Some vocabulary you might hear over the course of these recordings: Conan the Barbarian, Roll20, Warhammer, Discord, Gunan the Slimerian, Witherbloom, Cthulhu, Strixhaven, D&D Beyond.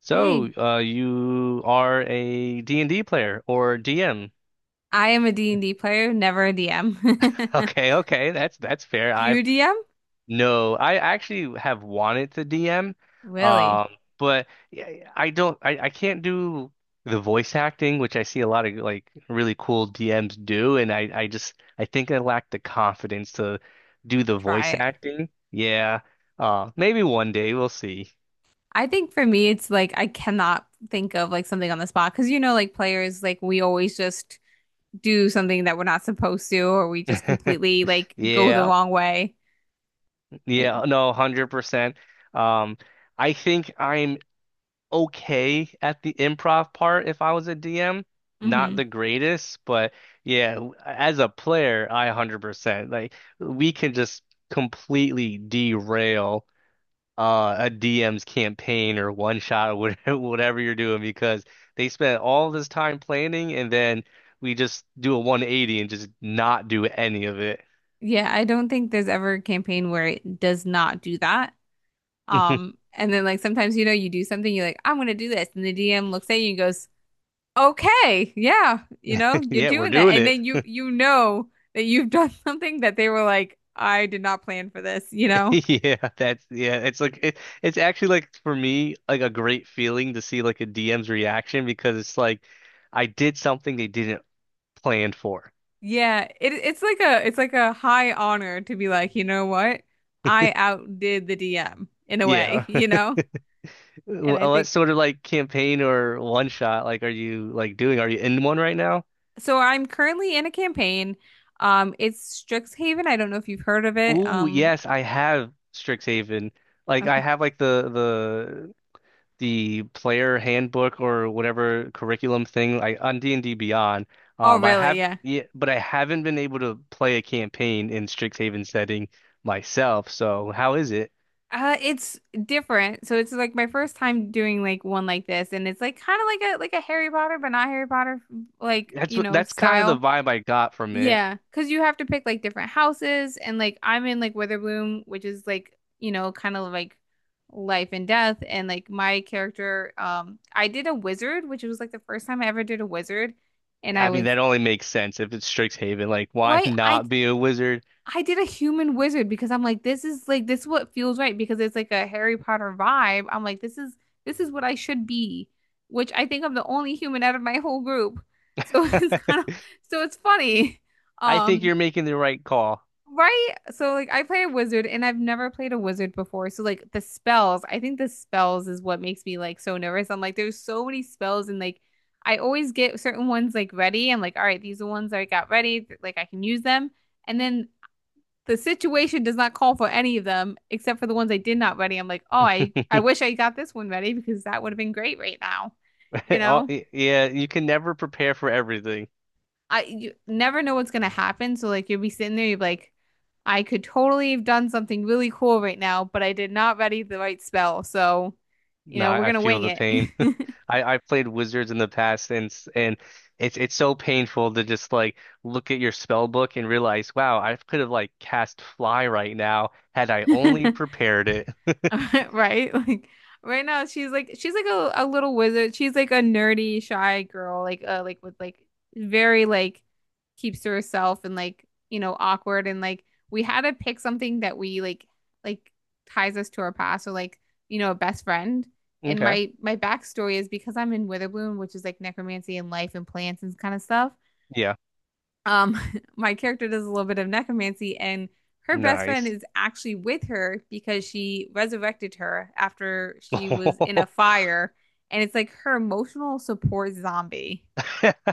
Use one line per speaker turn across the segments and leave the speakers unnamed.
So,
Hey,
you are a D and d player or DM.
I am a D and D player, never a DM.
Okay, okay, that's fair.
Do
I've
you DM?
No, I actually have wanted to DM,
Really?
um, but yeah, I don't, I can't do the voice acting, which I see a lot of like really cool DMs do, and I just, I think I lack the confidence to do the
Try
voice
it.
acting. Yeah, maybe one day we'll see.
I think for me, it's like I cannot think of like something on the spot because like players, like we always just do something that we're not supposed to, or we just completely like go the
Yeah.
wrong way. And,
Yeah, no, 100%. Um, I think I'm okay at the improv part if I was a DM. Not
hmm.
the greatest, but yeah, as a player, I 100%. Like we can just completely derail a DM's campaign or one shot or whatever, whatever you're doing because they spent all this time planning and then we just do a 180 and just not do any of it.
Yeah, I don't think there's ever a campaign where it does not do that. And then like sometimes you know you do something, you're like, I'm gonna do this, and the DM looks at you and goes, okay, yeah, you're
Yeah, we're
doing that.
doing
And
it.
then you you know that you've done something that they were like, I did not plan for this, you know?
Yeah, that's yeah. It's like it's actually like for me like a great feeling to see like a DM's reaction because it's like I did something they didn't plan for.
Yeah, it's like a high honor to be like, you know what? I outdid the DM in a way,
Yeah.
you know? And I
What
think
sort of like campaign or one shot like are you like doing? Are you in one right now?
so I'm currently in a campaign. It's Strixhaven. I don't know if you've heard of it.
Ooh, yes, I have Strixhaven. Like I
Okay.
have like the player handbook or whatever curriculum thing like on D&D Beyond.
Oh,
I
really?
have,
Yeah.
yeah, but I haven't been able to play a campaign in Strixhaven setting myself. So how is it?
It's different. So it's like my first time doing like one like this, and it's like kind of like a Harry Potter, but not Harry Potter like,
That's kind of the
style.
vibe I got from it.
Yeah, 'cause you have to pick like different houses and like I'm in like Witherbloom, which is like, kind of like life and death and like my character I did a wizard, which was like the first time I ever did a wizard and
Yeah, I
I
mean,
was
that only makes sense if it's Strixhaven. Like, why
well, I, I
not be a wizard?
I did a human wizard because I'm like this is what feels right because it's like a Harry Potter vibe. I'm like, this is what I should be, which I think I'm the only human out of my whole group. So it's kind of so it's funny.
I think
Um,
you're making the right call.
right? So like I play a wizard and I've never played a wizard before. So like the spells, I think the spells is what makes me like so nervous. I'm like, there's so many spells and like I always get certain ones like ready. I'm like, all right, these are ones that I got ready, like I can use them. And then the situation does not call for any of them except for the ones I did not ready. I'm like, oh, I wish I got this one ready because that would have been great right now. You
Oh,
know,
yeah, you can never prepare for everything.
you never know what's gonna happen. So like you'll be sitting there, you're like, I could totally have done something really cool right now, but I did not ready the right spell. So,
No,
we're
I
gonna
feel
wing
the
it.
pain. I played Wizards in the past and it's so painful to just like look at your spell book and realize, wow, I could have like cast fly right now had I only prepared it.
Right? Like right now she's like a little wizard. She's like a nerdy, shy girl, like like with like very like keeps to herself and like, awkward and like we had to pick something that we like ties us to our past or like, a best friend. And
Okay.
my backstory is because I'm in Witherbloom, which is like necromancy and life and plants and kind of stuff
Yeah.
um my character does a little bit of necromancy and her best friend
Nice.
is actually with her because she resurrected her after she was in a fire, and it's like her emotional support zombie.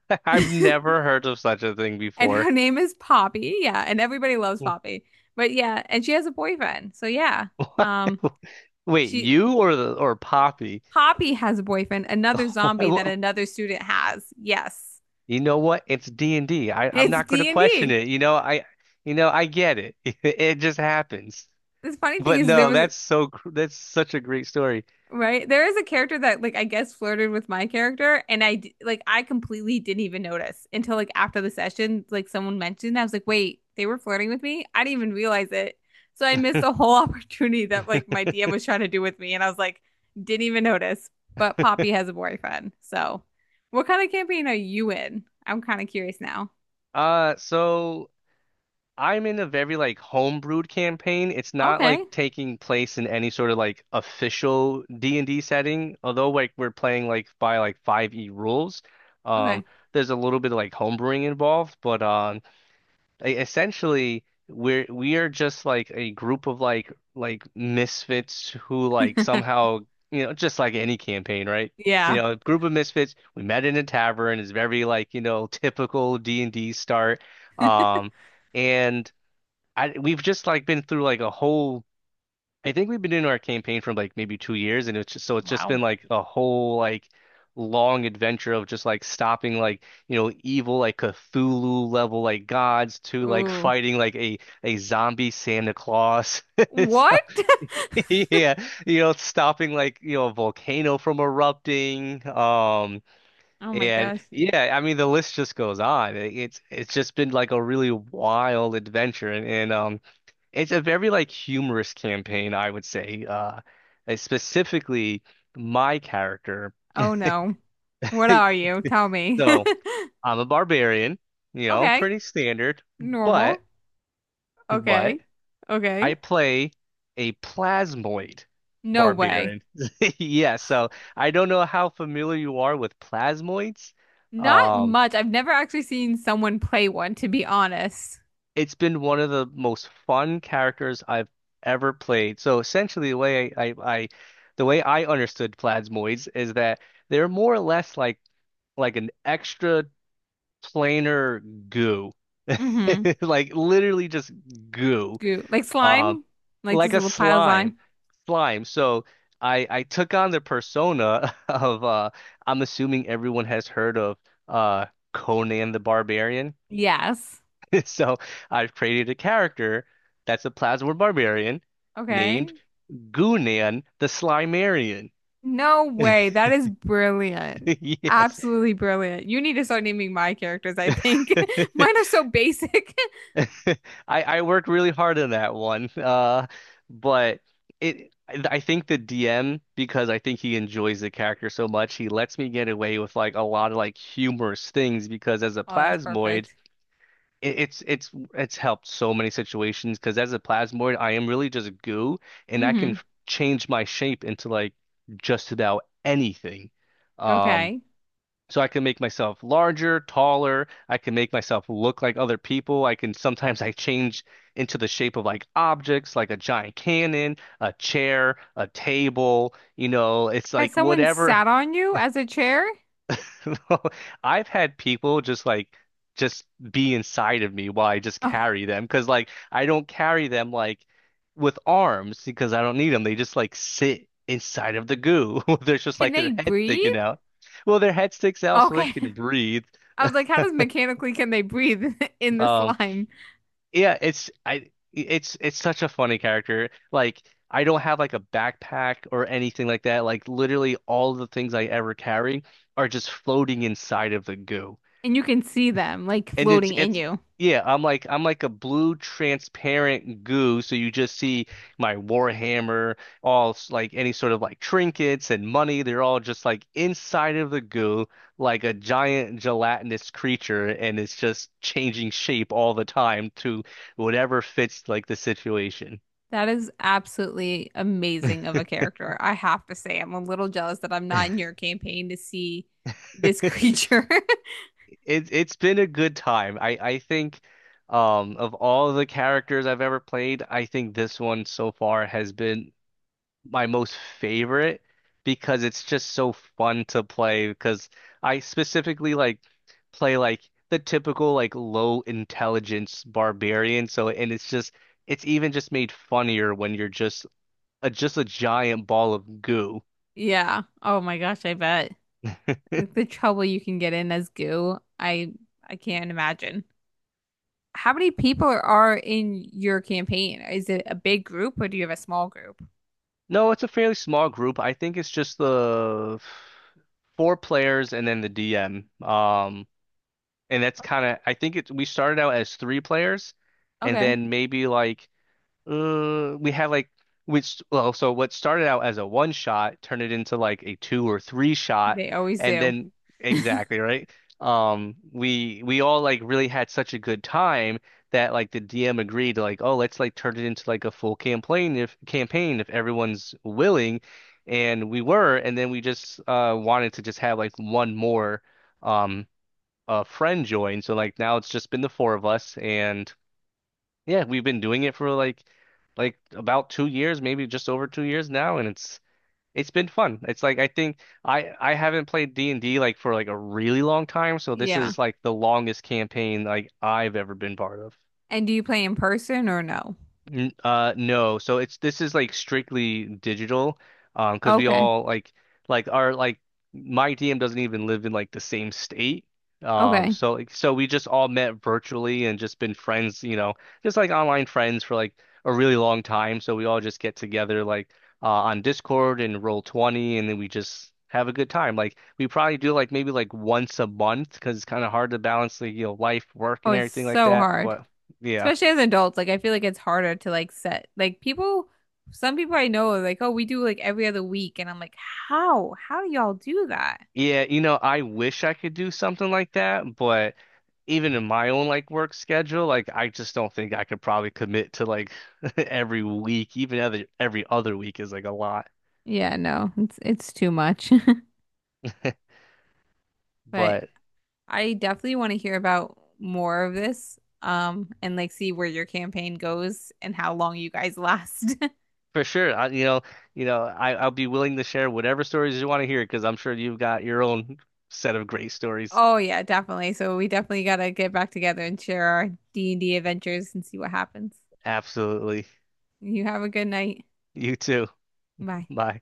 I've
And
never heard of such a thing before.
her name is Poppy. Yeah, and everybody loves Poppy, but yeah, and she has a boyfriend, so yeah. um
Wait,
she
you or the or Poppy?
Poppy has a boyfriend, another zombie that another student has. Yes,
You know what? It's D&D. Am
it's
not going to question
D&D.
it. You know, I get it. It just happens.
The funny thing
But
is there
no,
was—
that's that's such a great story.
Right? There is a character that like I guess flirted with my character, and like I completely didn't even notice until like after the session like someone mentioned it. I was like, "Wait, they were flirting with me? I didn't even realize it." So I missed a whole opportunity that like my DM was trying to do with me, and I was like, "Didn't even notice." But Poppy has a boyfriend. So, what kind of campaign are you in? I'm kind of curious now.
So I'm in a very like homebrewed campaign. It's not like
Okay.
taking place in any sort of like official D&D setting, although like we're playing like by like 5e rules. Um,
Okay.
there's a little bit of like homebrewing involved, but essentially we are just like a group of like misfits who like somehow, you know, just like any campaign, right, you
Yeah.
know, a group of misfits we met in a tavern is very like, you know, typical D&D start. um and I we've just like been through like a whole. I think we've been doing our campaign for like maybe 2 years, and it's just, so it's just
Wow.
been like a whole like long adventure of just like stopping like, you know, evil like Cthulhu level like gods to like
Ooh.
fighting like a zombie Santa Claus. So,
What?
yeah, you know, stopping like, you know, a volcano from erupting.
Oh my
And
gosh.
yeah, I mean the list just goes on. It's just been like a really wild adventure, and, and. It's a very like humorous campaign, I would say. Specifically my character.
Oh no. What are you? Tell me.
So I'm a barbarian, you know,
Okay.
pretty standard, but
Normal.
but
Okay.
I
Okay.
play a plasmoid
No way.
barbarian. Yeah, so I don't know how familiar you are with plasmoids.
Not
Um,
much. I've never actually seen someone play one, to be honest.
it's been one of the most fun characters I've ever played. So essentially, the way I understood Plasmoids is that they're more or less like an extra planar goo,
Mm-hmm.
like literally just goo,
Goo. Like
um,
slime? Like
like
just a
a
little pile of slime?
slime. So I took on the persona of I'm assuming everyone has heard of uh Conan the Barbarian.
Yes.
So I've created a character that's a plasmid barbarian named
Okay.
Gunan the Slimerian.
No way. That is brilliant.
Yes.
Absolutely brilliant. You need to start naming my characters, I think. Mine are so basic.
I worked really hard on that one. But it I think the DM, because I think he enjoys the character so much, he lets me get away with like a lot of like humorous things because as a
Oh, that's
plasmoid,
perfect.
it's helped so many situations because as a plasmoid, I am really just goo, and I can
Mm-hmm.
change my shape into like just about anything. Um,
Okay.
so I can make myself larger, taller. I can make myself look like other people. I can Sometimes I change into the shape of like objects, like a giant cannon, a chair, a table. You know, it's
Has
like
someone
whatever.
sat on you as a chair?
I've had people just be inside of me while I just
Oh,
carry them because like I don't carry them like with arms because I don't need them. They just like sit inside of the goo. There's just
can
like
they
their head
breathe?
sticking out. Well, their head sticks out so they
Okay.
can breathe.
I was like, how does mechanically can they breathe in the
Um,
slime?
yeah, it's I it's such a funny character. Like I don't have like a backpack or anything like that. Like literally all the things I ever carry are just floating inside of the goo.
And you can see them like
And
floating in
it's
you.
yeah, I'm like a blue transparent goo, so you just see my Warhammer, all like any sort of like trinkets and money, they're all just like inside of the goo, like a giant gelatinous creature, and it's just changing shape all the time to whatever fits like the situation.
That is absolutely amazing of a character. I have to say, I'm a little jealous that I'm not in your campaign to see this creature.
It's been a good time. I think, of all the characters I've ever played, I think this one so far has been my most favorite because it's just so fun to play because I specifically like play like the typical like low intelligence barbarian, so, and it's just it's even just made funnier when you're just just a giant ball of goo.
Yeah. Oh my gosh, I bet. The trouble you can get in as goo, I can't imagine. How many people are in your campaign? Is it a big group or do you have a small group?
No, it's a fairly small group. I think it's just the four players and then the DM. And that's kind of, I think it we started out as three players and
Okay.
then maybe like we had like which well, so what started out as a one shot turned it into like a two or three shot,
They always
and
do.
then exactly right. We all like really had such a good time that like the DM agreed to like, oh, let's like turn it into like a full campaign, if everyone's willing, and we were, and then we just wanted to just have like one more um a friend join, so like now it's just been the four of us and. Yeah, we've been doing it for like about 2 years, maybe just over 2 years now, and it's been fun. It's like I think I haven't played D&D like for like a really long time, so this
Yeah.
is like the longest campaign like I've ever been part of.
And do you play in person or no?
N no, so it's this is like strictly digital, because we
Okay.
all like our like my DM doesn't even live in like the same state,
Okay.
so we just all met virtually and just been friends, you know, just like online friends for like a really long time. So we all just get together like on Discord and Roll20, and then we just have a good time. Like we probably do like maybe like once a month because it's kind of hard to balance like, you know, life, work,
Oh,
and
it's
everything like
so
that.
hard.
But yeah.
Especially as adults, like I feel like it's harder to like set like people, some people I know are like, "Oh, we do like every other week." And I'm like, "How? How do y'all do that?"
Yeah, you know, I wish I could do something like that, but even in my own like work schedule, like I just don't think I could probably commit to like every week, even other every other week is like a lot.
Yeah, no. It's too much. But
But
I definitely want to hear about more of this, and like see where your campaign goes and how long you guys last.
for sure, I, you know, I I'll be willing to share whatever stories you want to hear because I'm sure you've got your own set of great stories.
Oh yeah, definitely. So we definitely gotta get back together and share our D&D adventures and see what happens.
Absolutely.
You have a good night.
You too.
Bye.
Bye.